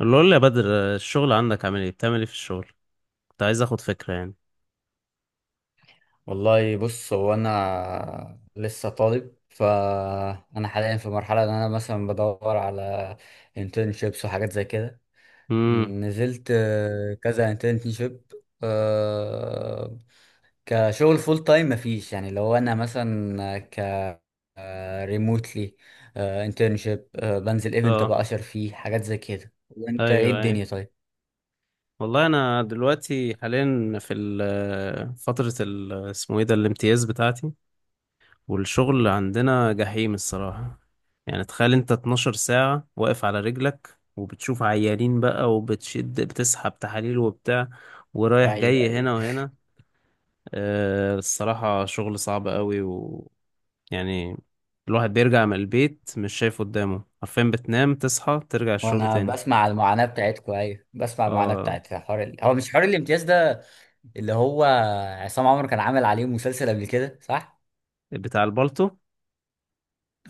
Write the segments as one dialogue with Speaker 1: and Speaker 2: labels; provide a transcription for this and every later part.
Speaker 1: اللي قول لي يا بدر، الشغل عندك عامل ايه؟ بتعمل ايه في الشغل؟ كنت عايز اخد فكرة يعني.
Speaker 2: والله بص، هو انا لسه طالب، فانا حاليا في مرحله ان انا مثلا بدور على internships وحاجات زي كده.
Speaker 1: امم.
Speaker 2: نزلت كذا internship آه، كشغل فول تايم مفيش. يعني لو انا مثلا ريموتلي internship بنزل ايفنت
Speaker 1: اه،
Speaker 2: ابقى اشر فيه حاجات زي كده. وانت ايه
Speaker 1: ايوه ايوه.
Speaker 2: الدنيا؟ طيب.
Speaker 1: والله انا دلوقتي حاليا في فترة ال- اسمه ايه ده الامتياز بتاعتي، والشغل عندنا جحيم الصراحة. يعني تخيل انت 12 ساعة واقف على رجلك، وبتشوف عيانين بقى، بتسحب تحاليل وبتاع، ورايح
Speaker 2: ايوه
Speaker 1: جاي
Speaker 2: ايوه.
Speaker 1: هنا وهنا. الصراحة شغل صعب قوي يعني. الواحد بيرجع من البيت مش شايف قدامه، عارفين؟ بتنام تصحى ترجع الشغل
Speaker 2: وانا
Speaker 1: تاني.
Speaker 2: بسمع المعاناة بتاعتكم، ايوه بسمع المعاناة
Speaker 1: اه،
Speaker 2: بتاعت حوار ال... هو مش حوار الامتياز ده، اللي هو عصام عمر كان عامل عليه مسلسل قبل كده، صح؟
Speaker 1: بتاع البالتو.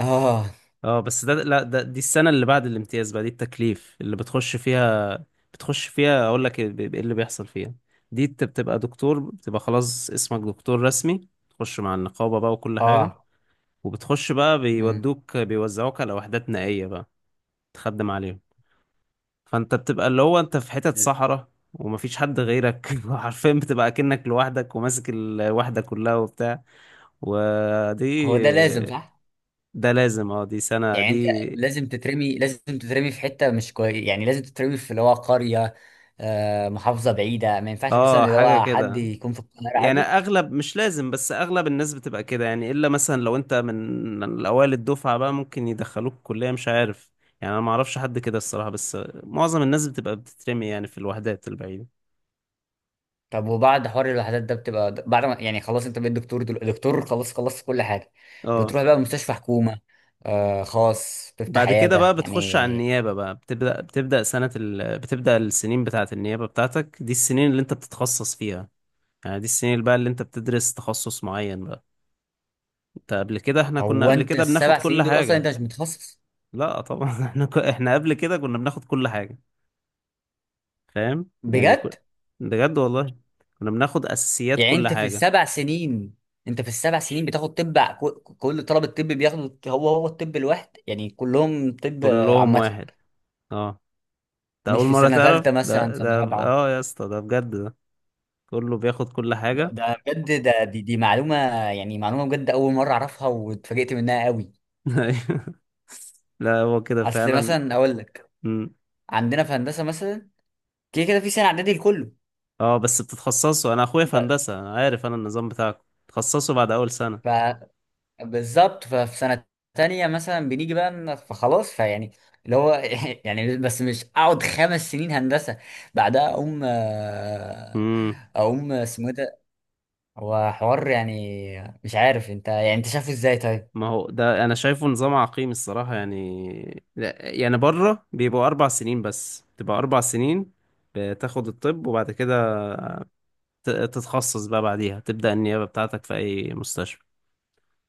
Speaker 2: اه
Speaker 1: اه بس ده، لا ده دي السنة اللي بعد الامتياز بقى، دي التكليف اللي بتخش فيها. بتخش فيها اقول لك إيه اللي بيحصل فيها. دي بتبقى دكتور، بتبقى خلاص اسمك دكتور رسمي، تخش مع النقابة بقى وكل حاجة.
Speaker 2: اه.
Speaker 1: وبتخش بقى
Speaker 2: امم.
Speaker 1: بيوزعوك على وحدات نائية بقى، تخدم عليهم. فانت بتبقى اللي هو انت في حتت صحراء، ومفيش حد غيرك حرفيا بتبقى كأنك لوحدك وماسك الوحدة كلها وبتاع. ودي
Speaker 2: هو ده لازم، صح؟
Speaker 1: ده لازم، اه، دي سنة
Speaker 2: يعني
Speaker 1: دي.
Speaker 2: انت لازم تترمي في حتة مش كويس، يعني لازم تترمي في اللي هو قرية محافظة بعيدة. ما ينفعش مثلا
Speaker 1: اه،
Speaker 2: اللي
Speaker 1: حاجة
Speaker 2: هو حد
Speaker 1: كده.
Speaker 2: يكون في القاهرة
Speaker 1: يعني
Speaker 2: عادي؟
Speaker 1: اغلب مش لازم، بس اغلب الناس بتبقى كده، يعني الا مثلا لو انت من الاوائل الدفعة بقى ممكن يدخلوك كلية مش عارف. يعني انا ما اعرفش حد كده الصراحة، بس معظم الناس بتبقى بتترمي يعني في الوحدات البعيدة.
Speaker 2: طب وبعد حوار الوحدات ده بتبقى بعد ما يعني خلاص انت بقيت دكتور دكتور، خلاص خلصت كل حاجه.
Speaker 1: اه،
Speaker 2: بتروح بقى مستشفى حكومه خاص، تفتح
Speaker 1: بعد كده بقى
Speaker 2: عياده
Speaker 1: بتخش على
Speaker 2: يعني.
Speaker 1: النيابة بقى، بتبدأ السنين بتاعة النيابة بتاعتك، دي السنين اللي انت بتتخصص فيها. يعني دي السنين اللي بقى اللي انت بتدرس تخصص معين بقى. انت قبل كده احنا كنا
Speaker 2: هو
Speaker 1: قبل
Speaker 2: انت
Speaker 1: كده بناخد
Speaker 2: السبع
Speaker 1: كل
Speaker 2: سنين دول اصلا
Speaker 1: حاجة.
Speaker 2: انت مش متخصص؟
Speaker 1: لا طبعا احنا قبل كده كنا بناخد كل حاجة. فاهم يعني
Speaker 2: بجد؟
Speaker 1: بجد والله. كنا بناخد أساسيات
Speaker 2: يعني
Speaker 1: كل
Speaker 2: انت في
Speaker 1: حاجة.
Speaker 2: السبع سنين، انت في السبع سنين بتاخد طب كل طلبه الطب بياخدوا هو الطب الواحد، يعني كلهم طب
Speaker 1: كلهم
Speaker 2: عامه؟
Speaker 1: واحد. اه، ده أول
Speaker 2: مش في
Speaker 1: مرة
Speaker 2: سنه
Speaker 1: تعرف،
Speaker 2: ثالثه مثلا
Speaker 1: ده
Speaker 2: سنه
Speaker 1: ده
Speaker 2: رابعه؟
Speaker 1: اه يا اسطى ده بجد ده. كله بياخد كل
Speaker 2: ده
Speaker 1: حاجة.
Speaker 2: ده بجد ده. دي معلومه، يعني معلومه بجد اول مره اعرفها واتفاجئت منها قوي.
Speaker 1: لا، هو كده
Speaker 2: اصل
Speaker 1: فعلا.
Speaker 2: مثلا اقول لك، عندنا في هندسه مثلا كده كده في سنه اعدادي لكله.
Speaker 1: اه بس بتتخصصوا، انا اخويا في هندسة انا عارف، انا النظام بتاعكم بتتخصصوا بعد اول سنة.
Speaker 2: ب- فبالظبط ففي سنه تانية مثلا بنيجي بقى فخلاص فيعني اللي هو يعني بس مش اقعد خمس سنين هندسه، بعدها اقوم
Speaker 1: امم.
Speaker 2: اقوم اسمه إيه ده. هو حوار يعني مش عارف، انت يعني انت شايفه ازاي طيب؟
Speaker 1: ما هو ده انا شايفه نظام عقيم الصراحة، يعني لا، يعني بره بيبقوا اربع سنين بس، تبقى اربع سنين بتاخد الطب، وبعد كده تتخصص بقى، بعديها تبدأ النيابة بتاعتك في اي مستشفى.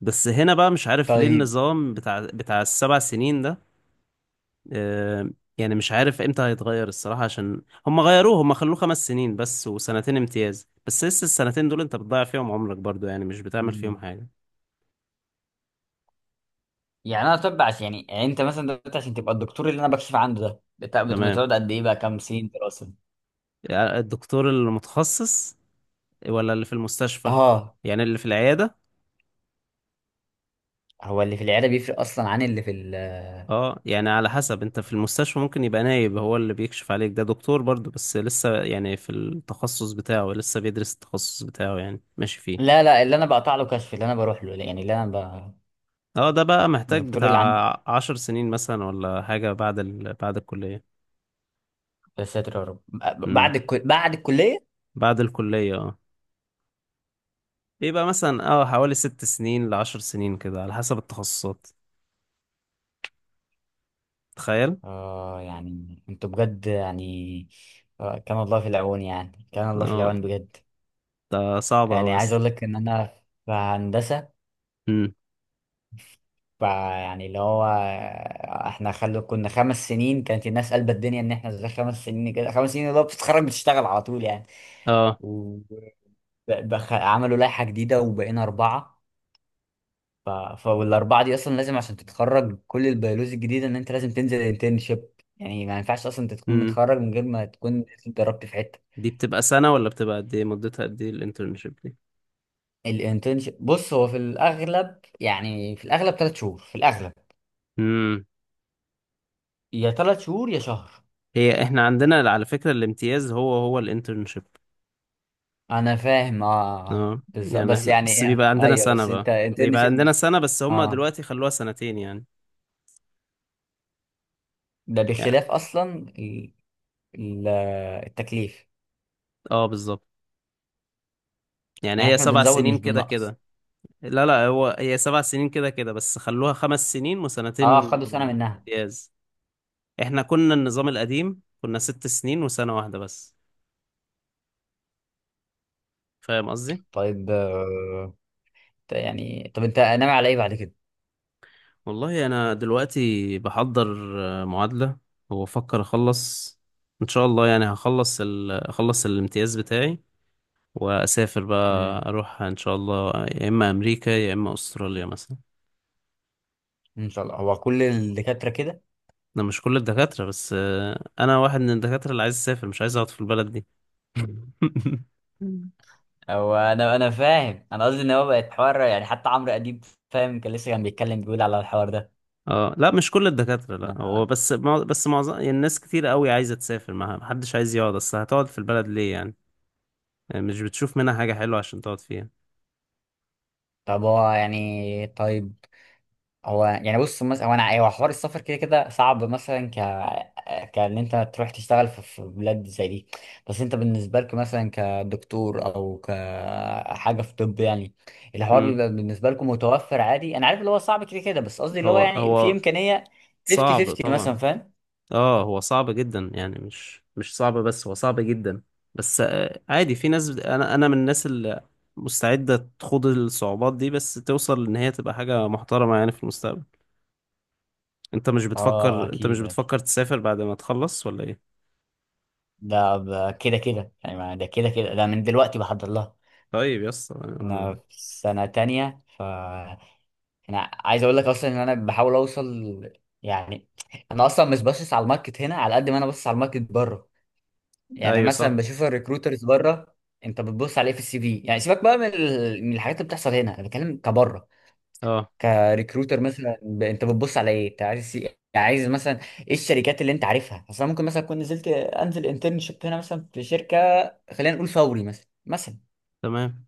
Speaker 1: بس هنا بقى مش عارف ليه
Speaker 2: طيب.
Speaker 1: النظام بتاع السبع سنين ده. آه، يعني مش عارف امتى هيتغير الصراحة، عشان هم غيروه، هم خلوه خمس سنين بس وسنتين امتياز، بس لسه السنتين دول انت بتضيع فيهم عمرك برضو يعني، مش بتعمل فيهم
Speaker 2: مم.
Speaker 1: حاجة.
Speaker 2: يعني انا طب عشان يعني يعني انت مثلا دلوقتي عشان تبقى الدكتور اللي انا بكشف عنده ده
Speaker 1: تمام.
Speaker 2: بتقعد قد ايه بقى كام سنين دراسه؟
Speaker 1: يعني الدكتور المتخصص ولا اللي في المستشفى؟
Speaker 2: اه.
Speaker 1: يعني اللي في العيادة.
Speaker 2: هو اللي في العياده بيفرق اصلا عن اللي في ال...
Speaker 1: اه، يعني على حسب، انت في المستشفى ممكن يبقى نايب هو اللي بيكشف عليك، ده دكتور برضو بس لسه يعني في التخصص بتاعه، لسه بيدرس التخصص بتاعه يعني، ماشي فيه.
Speaker 2: لا لا، اللي انا بقطع له كشف، اللي انا بروح له يعني اللي انا ب...
Speaker 1: اه ده بقى محتاج
Speaker 2: الدكتور اللي عندي.
Speaker 1: بتاع عشر سنين مثلا ولا حاجة بعد بعد الكلية.
Speaker 2: يا ساتر يا رب،
Speaker 1: امم.
Speaker 2: بعد الكل... بعد الكليه؟
Speaker 1: بعد الكلية اه، بيبقى مثلا اه حوالي ست سنين لعشر سنين كده على حسب التخصصات. تخيل.
Speaker 2: اه. يعني انتوا بجد يعني، كان الله في العون، يعني كان الله في
Speaker 1: اه،
Speaker 2: العون بجد.
Speaker 1: ده صعب
Speaker 2: يعني
Speaker 1: أوي
Speaker 2: عايز
Speaker 1: بس.
Speaker 2: اقول لك ان انا في هندسه،
Speaker 1: امم.
Speaker 2: يعني اللي هو احنا خلو كنا خمس سنين، كانت الناس قلبت الدنيا ان احنا ازاي خمس سنين كده. خمس سنين اللي هو بتتخرج بتشتغل على طول يعني.
Speaker 1: اه.
Speaker 2: و... بخ... عملوا لائحة جديدة وبقينا أربعة. ف... فالاربعه دي اصلا لازم عشان تتخرج كل البيولوجي الجديده ان انت لازم تنزل انترنشيب، يعني ما ينفعش اصلا انت تكون
Speaker 1: امم.
Speaker 2: متخرج من غير ما تكون اتدربت في حته.
Speaker 1: دي بتبقى سنة ولا بتبقى قد ايه؟ مدتها قد ايه الانترنشيب دي؟
Speaker 2: الانترنشيب بص، هو في الاغلب، يعني في الاغلب ثلاث شهور في الاغلب.
Speaker 1: امم.
Speaker 2: يا ثلاث شهور يا شهر.
Speaker 1: هي احنا عندنا على فكرة الامتياز هو هو الانترنشيب.
Speaker 2: انا فاهم اه
Speaker 1: اه
Speaker 2: بالظبط،
Speaker 1: يعني
Speaker 2: بس
Speaker 1: احنا
Speaker 2: يعني
Speaker 1: بس بيبقى
Speaker 2: إيه؟
Speaker 1: عندنا
Speaker 2: ايوه
Speaker 1: سنة
Speaker 2: بس
Speaker 1: بقى،
Speaker 2: انت
Speaker 1: بيبقى
Speaker 2: انترنشيب
Speaker 1: عندنا
Speaker 2: بس.
Speaker 1: سنة بس هما
Speaker 2: اه
Speaker 1: دلوقتي خلوها سنتين يعني.
Speaker 2: ده
Speaker 1: يعني
Speaker 2: بخلاف اصلا ال- ال- التكليف.
Speaker 1: اه، بالظبط. يعني
Speaker 2: يعني
Speaker 1: هي
Speaker 2: احنا
Speaker 1: سبع
Speaker 2: بنزود
Speaker 1: سنين
Speaker 2: مش
Speaker 1: كده
Speaker 2: بننقص.
Speaker 1: كده. لا لا، هو هي سبع سنين كده كده بس خلوها خمس سنين
Speaker 2: اه،
Speaker 1: وسنتين
Speaker 2: خدوا سنه منها.
Speaker 1: امتياز. احنا كنا النظام القديم كنا ست سنين وسنة واحدة بس. فاهم قصدي؟
Speaker 2: طيب يعني طب انت ناوي على ايه بعد كده؟
Speaker 1: والله انا دلوقتي بحضر معادلة، وبفكر اخلص ان شاء الله يعني، هخلص اخلص الامتياز بتاعي، واسافر بقى،
Speaker 2: امم.
Speaker 1: اروح ان شاء الله يا اما امريكا يا اما استراليا مثلا.
Speaker 2: ان شاء الله. هو كل الدكاتره كده؟
Speaker 1: انا مش كل الدكاترة، بس انا واحد من الدكاترة اللي عايز اسافر، مش عايز اقعد في البلد دي.
Speaker 2: هو انا فاهم، انا قصدي ان هو بقت حوار يعني حتى عمرو اديب فاهم كان لسه كان بيتكلم بيقول على الحوار ده.
Speaker 1: اه لا مش كل الدكاترة، لا هو
Speaker 2: أنا-
Speaker 1: بس بس معظم يعني، الناس كتير قوي عايزة تسافر، معها محدش عايز يقعد، اصل هتقعد في البلد ليه يعني؟ يعني مش بتشوف منها حاجة حلوة عشان تقعد فيها.
Speaker 2: طب هو يعني طيب، هو يعني بص مثلا هو انا هو حوار السفر كده كده صعب، مثلا كان انت تروح تشتغل في بلاد زي دي. بس انت بالنسبه لك مثلا كدكتور او كحاجه في طب يعني الحوار
Speaker 1: امم.
Speaker 2: بيبقى بالنسبه لكم متوفر عادي. انا عارف اللي هو صعب كده كده، بس قصدي اللي هو
Speaker 1: هو
Speaker 2: يعني في
Speaker 1: هو
Speaker 2: امكانيه 50
Speaker 1: صعب
Speaker 2: 50 مثلا،
Speaker 1: طبعا.
Speaker 2: فاهم؟
Speaker 1: اه هو صعب جدا يعني، مش صعب بس، هو صعب جدا. بس عادي، في ناس انا من الناس اللي مستعدة تخوض الصعوبات دي بس توصل ان هي تبقى حاجة محترمة يعني في المستقبل. انت مش
Speaker 2: اه
Speaker 1: بتفكر، انت مش
Speaker 2: اكيد اكيد.
Speaker 1: بتفكر تسافر بعد ما تخلص ولا ايه؟
Speaker 2: كده كده يعني، ده كده كده ده، من دلوقتي بحضر لها.
Speaker 1: طيب يس
Speaker 2: انا في سنه تانية، ف انا عايز اقول لك اصلا ان انا بحاول اوصل يعني. انا اصلا مش باصص على الماركت هنا على قد ما انا باصص على الماركت بره. يعني
Speaker 1: ايوه صح.
Speaker 2: مثلا بشوف الريكروترز بره. انت بتبص على ايه في السي في يعني؟ سيبك بقى من من الحاجات اللي بتحصل هنا، انا بتكلم كبره
Speaker 1: اه.
Speaker 2: كريكروتر مثلا. ب... انت بتبص على ايه؟ انت عايز سي... يعني عايز مثلا ايه الشركات اللي انت عارفها اصلا؟ ممكن مثلا اكون نزلت انزل انترنشيب هنا مثلا في شركه، خلينا نقول فوري مثلا مثلا.
Speaker 1: تمام.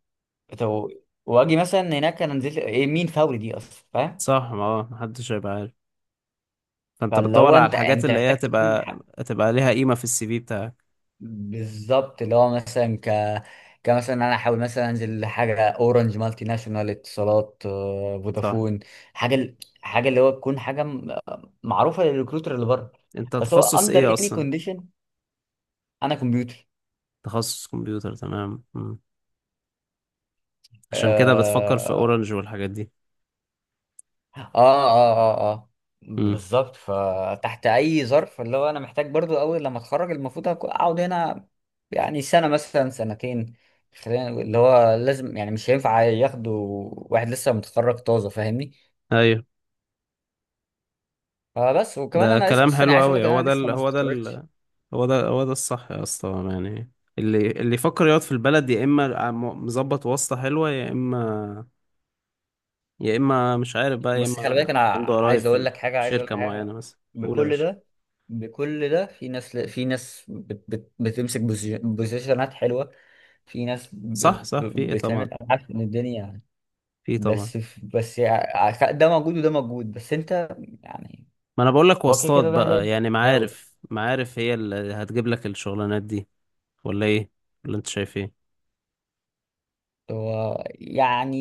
Speaker 2: طب واجي مثلا هناك، انا نزلت ايه؟ مين فوري دي اصلا، فاهم؟
Speaker 1: صح، ما اه محدش هيبقى عارف. فانت
Speaker 2: فاللي
Speaker 1: بتدور
Speaker 2: هو
Speaker 1: على
Speaker 2: انت
Speaker 1: الحاجات
Speaker 2: انت
Speaker 1: اللي هي
Speaker 2: محتاج تكون
Speaker 1: هتبقى هتبقى ليها قيمة في السي في بتاعك.
Speaker 2: بالظبط اللي هو مثلا كمثلا انا احاول مثلا انزل حاجه اورنج مالتي ناشونال، اتصالات،
Speaker 1: صح.
Speaker 2: فودافون. حاجه حاجه اللي هو تكون حاجه معروفه للريكروتر اللي بره.
Speaker 1: انت
Speaker 2: بس هو
Speaker 1: تخصص
Speaker 2: اندر
Speaker 1: ايه
Speaker 2: اني
Speaker 1: اصلا؟
Speaker 2: كونديشن، انا كمبيوتر.
Speaker 1: تخصص كمبيوتر، تمام. مم. عشان كده بتفكر في
Speaker 2: آه،
Speaker 1: اورنج والحاجات دي.
Speaker 2: اه اه اه اه
Speaker 1: مم.
Speaker 2: بالظبط. فتحت اي ظرف اللي هو انا محتاج برضو اول لما اتخرج المفروض اقعد هنا، يعني سنه مثلا سنتين. خلينا نقول اللي هو لازم، يعني مش هينفع ياخدوا واحد لسه متخرج طازه، فاهمني؟
Speaker 1: ايوه.
Speaker 2: فبس وكمان
Speaker 1: ده
Speaker 2: انا لسه
Speaker 1: كلام
Speaker 2: اصلا يعني
Speaker 1: حلو
Speaker 2: عايز اقول
Speaker 1: قوي.
Speaker 2: لك ان انا لسه ما استقريتش.
Speaker 1: هو ده هو ده الصح يا اسطى يعني، اللي يفكر يقعد في البلد يا اما مظبط واسطة حلوة، يا اما يا اما مش عارف بقى، يا
Speaker 2: بس خلي
Speaker 1: اما
Speaker 2: بالك، انا
Speaker 1: عنده قرايب
Speaker 2: عايز اقول
Speaker 1: في
Speaker 2: لك حاجه، عايز اقول لك
Speaker 1: شركة معينة
Speaker 2: حاجه،
Speaker 1: مثلا، قول يا
Speaker 2: بكل
Speaker 1: باشا.
Speaker 2: ده. بكل ده في ناس، في ناس بت بت بتمسك بوزيشنات حلوه، في ناس
Speaker 1: صح صح، في ايه طبعا.
Speaker 2: بتعمل ابحاث ان الدنيا.
Speaker 1: في إيه طبعا.
Speaker 2: بس بس ده موجود وده موجود، بس انت يعني.
Speaker 1: ما انا بقول لك
Speaker 2: هو كده
Speaker 1: واسطات
Speaker 2: كده
Speaker 1: بقى
Speaker 2: الواحد
Speaker 1: يعني،
Speaker 2: يحاول.
Speaker 1: معارف، معارف هي اللي هتجيب لك الشغلانات دي، ولا ايه؟ ولا انت شايف ايه؟
Speaker 2: هو يعني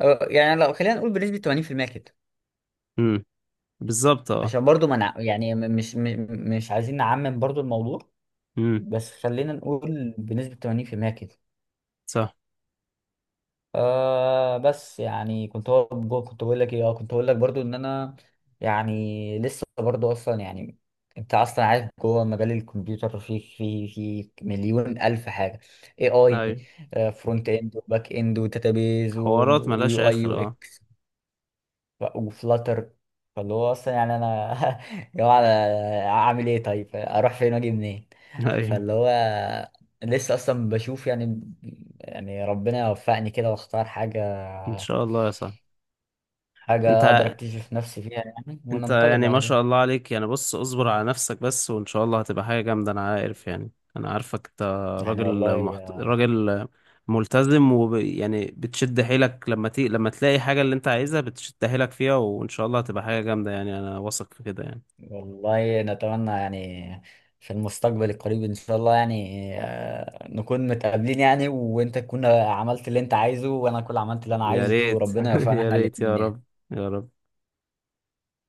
Speaker 2: يعني لو خلينا نقول بنسبة 80% كده.
Speaker 1: امم. بالظبط اه.
Speaker 2: عشان برضو ما نع... يعني مش مش عايزين نعمم برضو الموضوع،
Speaker 1: امم.
Speaker 2: بس خلينا نقول بنسبة 80% كده.
Speaker 1: صح.
Speaker 2: آه بس يعني كنت هو كنت بقول لك ايه؟ اه كنت بقول لك برضو ان انا يعني لسه برضو اصلا يعني انت اصلا عارف جوه مجال الكمبيوتر في مليون الف حاجه. اي اي
Speaker 1: ايوه.
Speaker 2: فرونت اند وباك اند وداتابيز
Speaker 1: حوارات ملهاش
Speaker 2: ويو اي
Speaker 1: اخر
Speaker 2: يو
Speaker 1: اه.
Speaker 2: اكس، وفلاتر. فاللي هو اصلا يعني انا يا على اعمل ايه طيب؟ اروح فين واجي منين؟
Speaker 1: ايوه.
Speaker 2: فاللي هو لسه اصلا بشوف يعني. يعني ربنا يوفقني كده واختار حاجه،
Speaker 1: ان شاء الله يا صاحبي.
Speaker 2: حاجه اقدر
Speaker 1: انت
Speaker 2: اكتشف نفسي فيها يعني،
Speaker 1: انت
Speaker 2: وننطلق
Speaker 1: يعني
Speaker 2: بعد
Speaker 1: ما
Speaker 2: كده
Speaker 1: شاء الله عليك يعني، بص اصبر على نفسك بس وان شاء الله هتبقى حاجة جامدة، انا عارف يعني، انا عارفك انت
Speaker 2: يعني.
Speaker 1: راجل
Speaker 2: والله
Speaker 1: راجل ملتزم، ويعني بتشد حيلك لما لما تلاقي حاجة اللي انت عايزها بتشد حيلك فيها، وان شاء الله هتبقى حاجة جامدة يعني، انا واثق في كده يعني.
Speaker 2: والله نتمنى يعني في المستقبل القريب ان شاء الله يعني نكون متقابلين، يعني وانت تكون عملت اللي انت عايزه وانا اكون عملت اللي انا
Speaker 1: يا
Speaker 2: عايزه
Speaker 1: ريت.
Speaker 2: وربنا يوفقنا
Speaker 1: يا
Speaker 2: احنا
Speaker 1: ريت يا
Speaker 2: الاتنين
Speaker 1: رب.
Speaker 2: يعني.
Speaker 1: يا رب.